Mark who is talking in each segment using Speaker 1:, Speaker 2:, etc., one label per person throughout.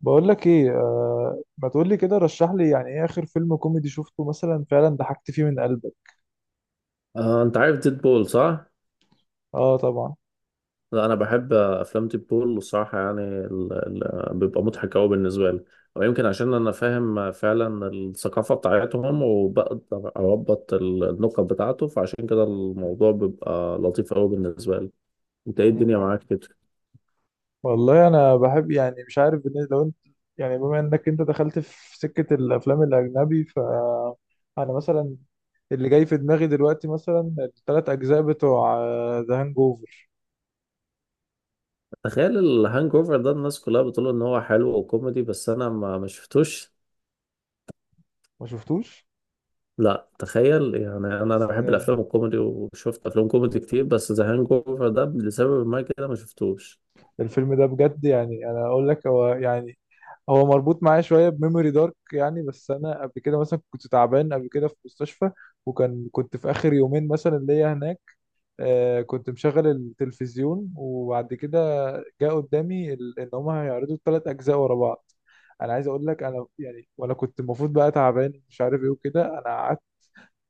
Speaker 1: بقول لك ايه، ما تقول لي كده، رشح لي. يعني ايه اخر فيلم كوميدي شفته مثلا فعلا ضحكت فيه من قلبك؟
Speaker 2: انت عارف ديد بول صح؟
Speaker 1: اه طبعا.
Speaker 2: لا انا بحب افلام ديد بول الصراحه، يعني بيبقى مضحك قوي بالنسبه لي. ويمكن عشان انا فاهم فعلا الثقافه بتاعتهم، وبقدر اربط النقط بتاعته، فعشان كده الموضوع بيبقى لطيف قوي بالنسبه لي. انت ايه الدنيا
Speaker 1: مم.
Speaker 2: معاك كده؟
Speaker 1: والله انا بحب، يعني مش عارف لو انت، يعني بما انك انت دخلت في سكة الافلام الاجنبي، ف انا مثلا، اللي جاي في دماغي دلوقتي مثلا الثلاث اجزاء بتوع ذا هانج اوفر.
Speaker 2: تخيل الهانج اوفر ده، الناس كلها بتقول ان هو حلو وكوميدي، بس انا ما شفتوش.
Speaker 1: ما شفتوش.
Speaker 2: لا تخيل يعني انا بحب
Speaker 1: ازاي؟
Speaker 2: الافلام الكوميدي وشفت افلام كوميدي كتير، بس ذا هانج اوفر ده لسبب ما كده ما شفتوش.
Speaker 1: الفيلم ده بجد، يعني انا اقول لك، هو يعني هو مربوط معايا شويه بميموري دارك يعني، بس انا قبل كده مثلا كنت تعبان، قبل كده في مستشفى، كنت في اخر يومين مثلا ليا هناك. كنت مشغل التلفزيون، وبعد كده جاء قدامي ان هم هيعرضوا الثلاث اجزاء ورا بعض. انا عايز اقول لك، انا يعني وانا كنت المفروض بقى تعبان مش عارف ايه وكده، انا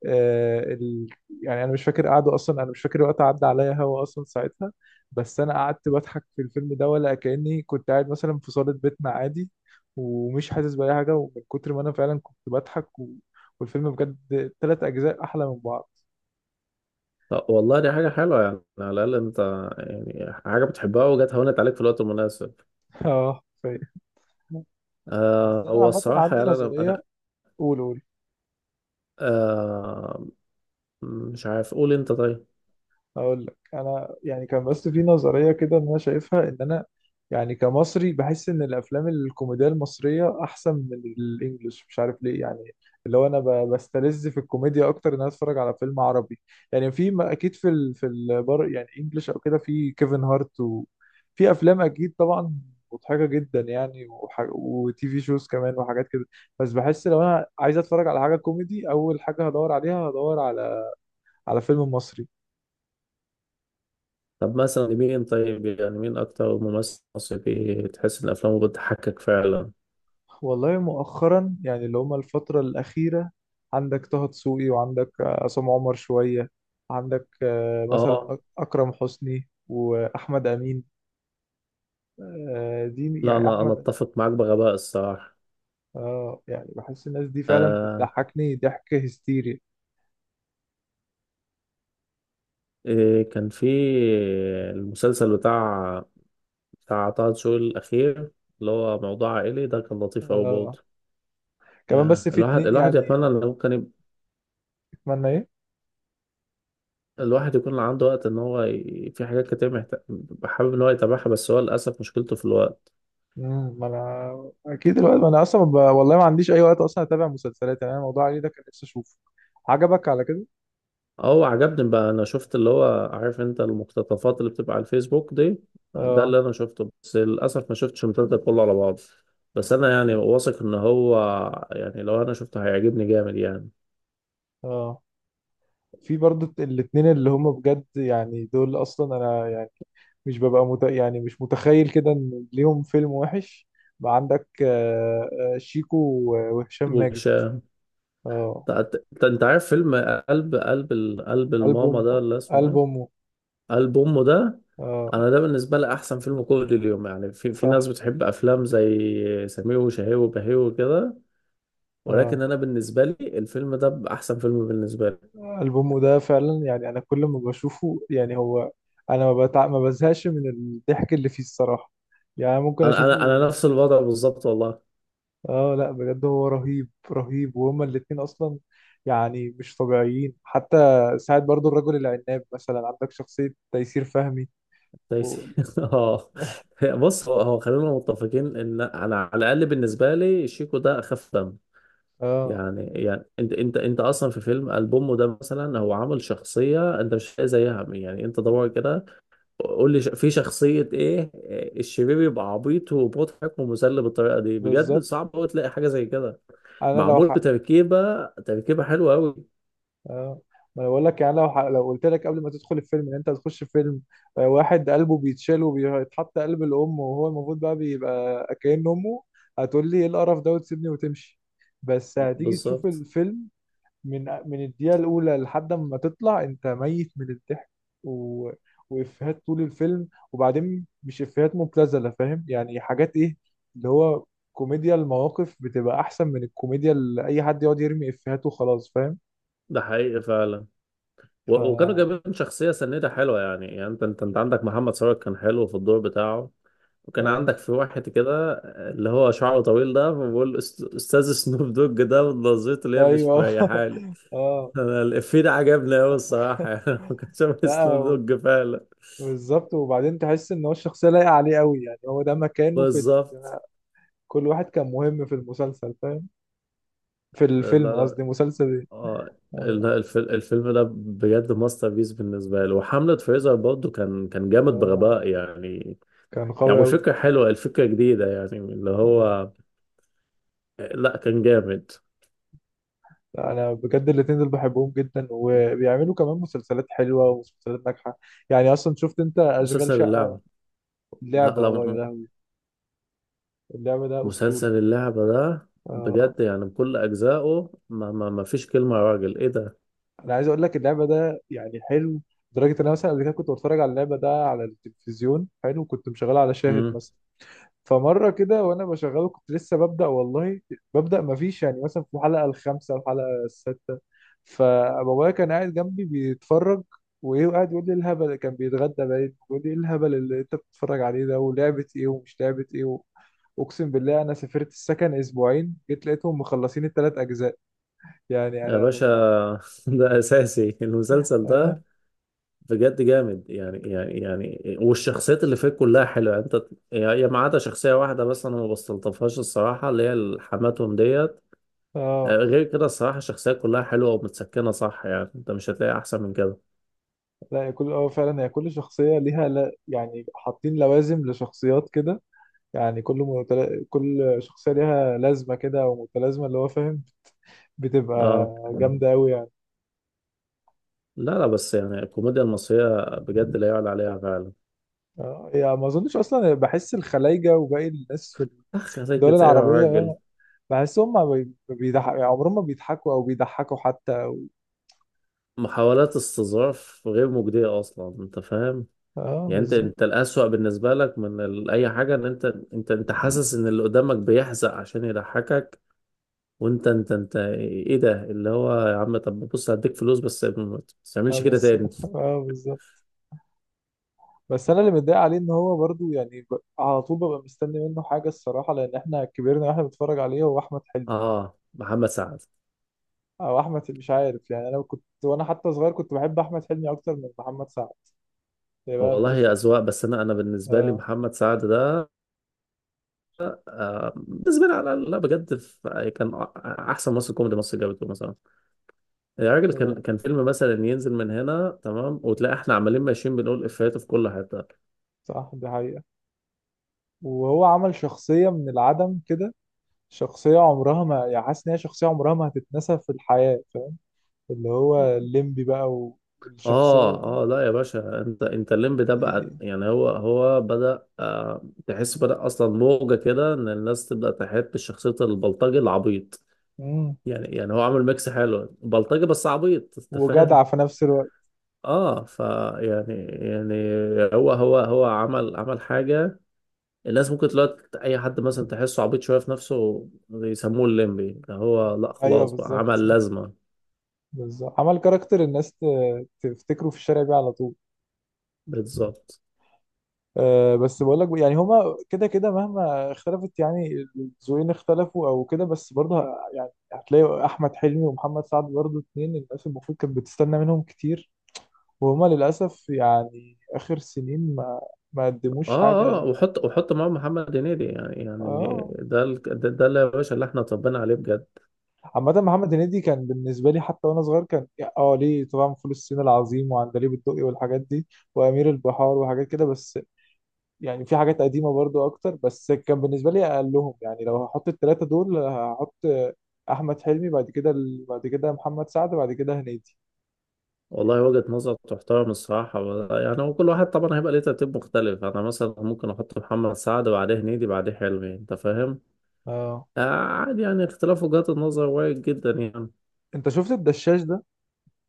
Speaker 1: آه، ال... يعني انا مش فاكر قعدوا اصلا، انا مش فاكر وقت عدى عليا هوا اصلا ساعتها، بس انا قعدت بضحك في الفيلم ده ولا كاني كنت قاعد مثلا في صاله بيتنا عادي، ومش حاسس باي حاجه، ومن كتر ما انا فعلا كنت بضحك والفيلم بجد ثلاث اجزاء احلى من بعض.
Speaker 2: طب والله دي حاجة حلوة، يعني على الأقل أنت يعني حاجة بتحبها، وجت هونت عليك في الوقت المناسب.
Speaker 1: اه، بس انا
Speaker 2: هو
Speaker 1: عامه
Speaker 2: الصراحة،
Speaker 1: عندي
Speaker 2: يعني أنا
Speaker 1: نظريه.
Speaker 2: أنا
Speaker 1: قول قول.
Speaker 2: آه مش عارف، قول أنت طيب.
Speaker 1: اقول لك انا، يعني كان بس في نظريه كده ان انا شايفها، ان انا يعني كمصري بحس ان الافلام الكوميديه المصريه احسن من الانجليش، مش عارف ليه يعني. اللي هو انا بستلذ في الكوميديا اكتر ان انا اتفرج على فيلم عربي. يعني في، ما اكيد في في البر يعني انجليش او كده، في كيفن هارت وفي افلام اكيد طبعا مضحكه جدا يعني، وتي في شوز كمان وحاجات كده. بس بحس لو انا عايز اتفرج على حاجه كوميدي اول حاجه هدور على فيلم مصري.
Speaker 2: طب مثلا مين، طيب يعني مين أكتر ممثل مصري تحس إن أفلامه بتضحكك فعلا؟
Speaker 1: والله مؤخرا يعني اللي هما الفترة الأخيرة، عندك طه دسوقي، وعندك عصام عمر شوية، عندك مثلا
Speaker 2: أه،
Speaker 1: أكرم حسني وأحمد أمين. دي
Speaker 2: لا
Speaker 1: يعني
Speaker 2: أنا
Speaker 1: أحمد.
Speaker 2: أتفق معاك بغباء الصراحة.
Speaker 1: يعني بحس الناس دي فعلا
Speaker 2: آه
Speaker 1: بتضحكني ضحك هستيري.
Speaker 2: إيه كان في المسلسل بتاع طه دسوقي الأخير، اللي هو موضوع عائلي ده؟ كان لطيف أوي
Speaker 1: آه،
Speaker 2: برضه.
Speaker 1: كمان
Speaker 2: يعني
Speaker 1: بس في
Speaker 2: الواحد
Speaker 1: اتنين
Speaker 2: الواحد
Speaker 1: يعني.
Speaker 2: يتمنى ان ممكن
Speaker 1: أتمنى إيه؟
Speaker 2: الواحد يكون عنده وقت، ان هو في حاجات كتير محتاج، حابب ان هو يتابعها، بس هو للاسف مشكلته في الوقت.
Speaker 1: ما أنا أكيد الوقت، ما أنا أصلا والله ما عنديش أي وقت أصلا أتابع مسلسلات، يعني أنا الموضوع علي ده كان نفسي أشوفه. عجبك على كده؟
Speaker 2: اه، عجبني بقى. انا شفت اللي هو، عارف انت، المقتطفات اللي بتبقى على الفيسبوك دي. ده
Speaker 1: آه.
Speaker 2: اللي انا شفته، بس للاسف ما شفتش المسلسل كله على بعضه. بس انا يعني واثق ان هو، يعني لو انا شفته هيعجبني جامد يعني.
Speaker 1: آه. في برضه الاتنين اللي هم بجد يعني دول، اصلا انا يعني مش ببقى يعني مش متخيل كده ان ليهم فيلم وحش. بقى عندك شيكو وهشام ماجد.
Speaker 2: وش انت؟
Speaker 1: اه.
Speaker 2: أنت عارف فيلم قلب
Speaker 1: قلب
Speaker 2: الماما
Speaker 1: امه.
Speaker 2: ده اللي اسمه
Speaker 1: قلب
Speaker 2: ايه؟
Speaker 1: امه.
Speaker 2: قلب امه. ده
Speaker 1: اه.
Speaker 2: انا ده بالنسبه لي احسن فيلم كوميدي اليوم. يعني في ناس
Speaker 1: صح.
Speaker 2: بتحب افلام زي سمير وشهير وبهير وكده، ولكن
Speaker 1: اه.
Speaker 2: انا بالنسبه لي الفيلم ده احسن فيلم بالنسبه لي.
Speaker 1: قلب امه ده فعلا يعني، انا كل ما بشوفه يعني هو، انا ما بزهقش من الضحك اللي فيه الصراحة. يعني ممكن
Speaker 2: انا انا
Speaker 1: اشوفه.
Speaker 2: انا نفس الوضع بالظبط والله.
Speaker 1: اه لا بجد هو رهيب رهيب، وهما الاتنين اصلا يعني مش طبيعيين حتى. ساعد برضو الرجل العناب، مثلا عندك شخصية تيسير فهمي و...
Speaker 2: دايسي. اه، بص، هو خلينا متفقين ان انا على الاقل بالنسبه لي شيكو ده اخف دم.
Speaker 1: اه
Speaker 2: يعني انت اصلا في فيلم البومه ده مثلا، هو عامل شخصيه انت مش لاقي زيها. يعني انت دور كده، قول لي في شخصية ايه الشرير يبقى عبيط ومضحك ومسلي بالطريقة دي؟ بجد
Speaker 1: بالظبط.
Speaker 2: صعب قوي تلاقي حاجة زي كده.
Speaker 1: انا لو
Speaker 2: معمول بتركيبة، حلوة قوي.
Speaker 1: آه. ما انا بقول لك يعني، لو لو قلت لك قبل ما تدخل الفيلم ان انت هتخش فيلم واحد قلبه بيتشال وبيتحط قلب الام، وهو المفروض بقى بيبقى كأن امه، هتقول لي ايه القرف ده وتسيبني وتمشي. بس هتيجي تشوف
Speaker 2: بالظبط.
Speaker 1: الفيلم من الدقيقة الأولى لحد ما تطلع أنت ميت من الضحك و... وإفيهات طول الفيلم، وبعدين مش إفيهات مبتذلة، فاهم؟ يعني حاجات إيه، اللي هو كوميديا المواقف بتبقى أحسن من الكوميديا اللي أي حد يقعد يرمي إفيهات وخلاص، فاهم؟
Speaker 2: ده حقيقي فعلا.
Speaker 1: ف
Speaker 2: وكانوا جايبين شخصية سنيدة حلوة، يعني انت عندك محمد ثروت كان حلو في الدور بتاعه. وكان
Speaker 1: آه.
Speaker 2: عندك في واحد كده اللي هو شعره طويل ده، بقول استاذ سنوب دوج ده، ونظرته اللي هي مش
Speaker 1: أيوه.
Speaker 2: مريحالي.
Speaker 1: آه.
Speaker 2: انا الافيه ده عجبني قوي الصراحة. يعني كان شبه
Speaker 1: لا.
Speaker 2: سنوب دوج فعلا.
Speaker 1: بالظبط. وبعدين تحس إن هو الشخصية لايقة عليه قوي، يعني هو ده مكانه في
Speaker 2: بالظبط.
Speaker 1: كل واحد كان مهم في المسلسل، فاهم؟ في
Speaker 2: لا
Speaker 1: الفيلم قصدي،
Speaker 2: لا،
Speaker 1: مسلسل إيه.
Speaker 2: اه.
Speaker 1: آه.
Speaker 2: الفيلم ده بجد ماستر بيس بالنسبه لي، وحمله فريزر برضه كان جامد
Speaker 1: آه.
Speaker 2: بغباء يعني.
Speaker 1: كان
Speaker 2: يعني
Speaker 1: قوي أوي.
Speaker 2: والفكره حلوه، الفكره جديده يعني اللي
Speaker 1: أنا
Speaker 2: هو. لا كان جامد.
Speaker 1: أنا بجد الاتنين دول بحبهم جدا، وبيعملوا كمان مسلسلات حلوة ومسلسلات ناجحة. يعني أصلا شفت أنت أشغال
Speaker 2: مسلسل
Speaker 1: شقة؟
Speaker 2: اللعبه. لا
Speaker 1: اللعبة،
Speaker 2: لا،
Speaker 1: أه يا لهوي. اللعبة ده أسطوري.
Speaker 2: مسلسل اللعبه ده
Speaker 1: آه.
Speaker 2: بجد يعني بكل اجزائه، ما فيش كلمه، يا راجل ايه ده.
Speaker 1: أنا عايز أقول لك اللعبة ده يعني حلو لدرجة إن أنا مثلا قبل كده كنت بتفرج على اللعبة ده على التلفزيون، حلو كنت مشغلها على شاهد
Speaker 2: امم.
Speaker 1: مثلا. فمره كده وانا بشغله كنت لسه ببدا والله، ببدا ما فيش يعني، مثلا في الحلقه الخامسه الحلقه السادسه. فبابايا كان قاعد جنبي بيتفرج، وايه، وقاعد يقول لي الهبل اللي كان بيتغدى، باين، يقول لي ايه الهبل اللي انت بتتفرج عليه ده، ولعبه ايه ومش لعبه ايه اقسم بالله انا سافرت السكن اسبوعين، جيت لقيتهم مخلصين الثلاث اجزاء. يعني
Speaker 2: يا
Speaker 1: انا
Speaker 2: باشا.
Speaker 1: ببقى.
Speaker 2: ده اساسي المسلسل
Speaker 1: اه.
Speaker 2: ده بجد جامد يعني والشخصيات اللي فيه كلها حلوه انت، يعني ما عدا شخصيه واحده بس انا ما بستلطفهاش الصراحه، اللي هي حماتهم ديت.
Speaker 1: اه.
Speaker 2: غير كده الصراحه الشخصيات كلها حلوه ومتسكنه صح، يعني انت مش هتلاقي احسن من كده.
Speaker 1: لا هي كل فعلا هي كل شخصيه ليها، لا يعني حاطين لوازم لشخصيات كده. يعني كل كل شخصية ليها لازمة كده أو متلازمة اللي هو فاهم، بتبقى
Speaker 2: اه،
Speaker 1: جامدة أوي يعني.
Speaker 2: لا لا، بس يعني الكوميديا المصريه بجد لا يعلى عليها فعلا.
Speaker 1: يعني ما أظنش أصلا، بحس الخلايجة وباقي الناس في
Speaker 2: اخ،
Speaker 1: الدول
Speaker 2: خليك ايه يا
Speaker 1: العربية
Speaker 2: راجل،
Speaker 1: بحسهم ما بيضحك يعني، عمرهم ما بيضحكوا أو بيضحكوا حتى.
Speaker 2: محاولات استظراف غير مجديه اصلا انت فاهم.
Speaker 1: اه
Speaker 2: يعني انت
Speaker 1: بالظبط.
Speaker 2: انت الأسوأ بالنسبة لك من اي حاجة، ان انت انت حاسس ان اللي قدامك بيحزق عشان يضحكك. وانت انت ايه ده اللي هو، يا عم طب بص هديك فلوس بس ما
Speaker 1: اه
Speaker 2: تعملش كده
Speaker 1: بس
Speaker 2: تاني.
Speaker 1: اه بالظبط. بس انا اللي متضايق عليه ان هو برضو يعني على طول ببقى مستني منه حاجه الصراحه، لان احنا كبرنا واحنا بنتفرج عليه، هو احمد حلمي
Speaker 2: اه، محمد سعد.
Speaker 1: او احمد، مش عارف. يعني انا كنت وانا حتى صغير كنت بحب احمد حلمي اكتر من محمد سعد، هي بقى
Speaker 2: والله يا
Speaker 1: بتفرق.
Speaker 2: اذواق، بس انا بالنسبه لي
Speaker 1: اه
Speaker 2: محمد سعد ده، بالنسبه لي، على، لا بجد كان احسن ممثل كوميدي مصر جابته مثلا. يا راجل كان
Speaker 1: هو-
Speaker 2: كان فيلم مثلا ينزل من هنا تمام، وتلاقي احنا عمالين ماشيين بنقول افيهاته في كل حته.
Speaker 1: صح دي حقيقة. وهو عمل شخصية من العدم كده، شخصية عمرها ما، يعني حاسس ان هي شخصية عمرها ما هتتنسى في الحياة فاهم. اللي هو الليمبي بقى. والشخصية
Speaker 2: اه
Speaker 1: دي,
Speaker 2: اه، لا يا باشا، انت الليمب ده
Speaker 1: دي.
Speaker 2: بقى. يعني هو بدأ، تحس بدأ اصلا موجة كده، ان الناس تبدأ تحب شخصية البلطجي العبيط.
Speaker 1: مم.
Speaker 2: يعني هو عامل ميكس حلو، بلطجي بس عبيط انت فاهم.
Speaker 1: وجدع في نفس الوقت.
Speaker 2: اه، يعني يعني هو عمل حاجة. الناس ممكن دلوقتي اي حد مثلا تحسه عبيط شوية في نفسه يسموه الليمبي ده. هو لا
Speaker 1: ايوه
Speaker 2: خلاص بقى،
Speaker 1: بالظبط
Speaker 2: عمل
Speaker 1: صح.
Speaker 2: لازمة.
Speaker 1: بالظبط عمل كاركتر الناس تفتكره في الشارع بيه على طول.
Speaker 2: بالظبط.
Speaker 1: آه، بس بقول لك يعني هما كده كده مهما اختلفت، يعني الذوقين اختلفوا او كده، بس برضه يعني هتلاقي احمد حلمي ومحمد سعد برضه اتنين الناس المفروض كانت بتستنى منهم كتير، وهما للاسف يعني اخر سنين ما قدموش
Speaker 2: اه اه،
Speaker 1: حاجه.
Speaker 2: وحط معاهم محمد هنيدي.
Speaker 1: اه،
Speaker 2: ده اللي يا باشا اللي احنا اتربينا عليه بجد.
Speaker 1: عامة محمد هنيدي كان بالنسبة لي حتى وأنا صغير كان، اه ليه طبعا، فول الصين العظيم وعندليب الدقي والحاجات دي، وأمير البحار وحاجات كده، بس يعني في حاجات قديمة برضو أكتر، بس كان بالنسبة لي أقلهم. يعني لو هحط التلاتة دول، هحط أحمد حلمي بعد كده، بعد كده محمد سعد بعد كده هنيدي.
Speaker 2: والله وجهة نظر تحترم الصراحة. يعني هو كل واحد طبعا هيبقى ليه ترتيب مختلف، انا مثلا ممكن احط محمد سعد بعديه هنيدي بعديه حلمي انت فاهم.
Speaker 1: اه.
Speaker 2: آه عادي، يعني اختلاف وجهات النظر وارد جدا يعني.
Speaker 1: أنت شفت الدشاش ده؟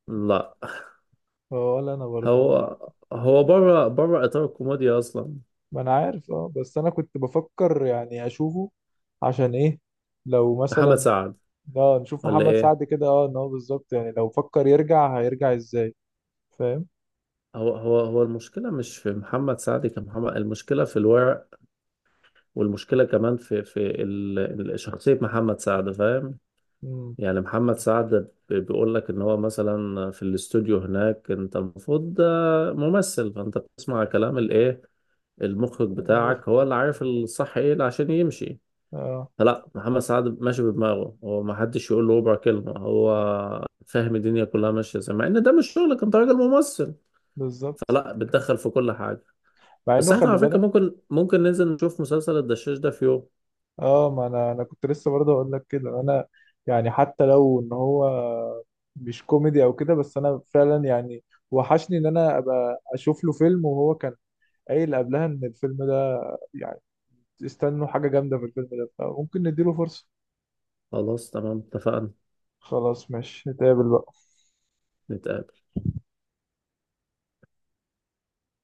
Speaker 2: لا
Speaker 1: اه، ولا انا برضه انا،
Speaker 2: هو هو بره بره اطار الكوميديا اصلا.
Speaker 1: ما أنا عارف. بس أنا كنت بفكر يعني أشوفه، عشان إيه، لو
Speaker 2: محمد
Speaker 1: مثلا،
Speaker 2: سعد.
Speaker 1: اه نشوف
Speaker 2: ولا
Speaker 1: محمد
Speaker 2: ايه،
Speaker 1: سعد كده، ان هو بالظبط يعني لو فكر يرجع هيرجع ازاي، فاهم.
Speaker 2: هو المشكلة مش في محمد سعد كمحمد، المشكلة في الورق. والمشكلة كمان في ال- شخصية محمد سعد فاهم.
Speaker 1: امم.
Speaker 2: يعني محمد سعد بيقول لك ان هو مثلا في الاستوديو هناك، انت المفروض ده ممثل، فانت بتسمع كلام الايه؟ المخرج
Speaker 1: المخ
Speaker 2: بتاعك هو اللي عارف الصح ايه عشان يمشي.
Speaker 1: اه.
Speaker 2: فلا محمد سعد ماشي بدماغه، هو ما حدش يقول له ربع كلمة، هو فاهم الدنيا كلها ماشية ازاي، مع ان ده مش شغلك انت راجل ممثل.
Speaker 1: بالظبط
Speaker 2: فلا بتدخل في كل حاجة.
Speaker 1: مع انه
Speaker 2: بس احنا
Speaker 1: خلي
Speaker 2: على فكرة
Speaker 1: بالك.
Speaker 2: ممكن ننزل نشوف مسلسل الدشاش ده في يوم.
Speaker 1: اه، ما انا كنت لسه برضه اقول لك كده انا، يعني حتى لو ان هو مش كوميدي او كده، بس انا فعلا يعني وحشني ان انا ابقى اشوف له فيلم، وهو كان قايل قبلها ان الفيلم ده يعني، استنوا حاجة جامدة في الفيلم ده، فممكن نديله فرصة.
Speaker 2: خلاص تمام، اتفقنا.
Speaker 1: خلاص ماشي نتقابل بقى.
Speaker 2: نتقابل.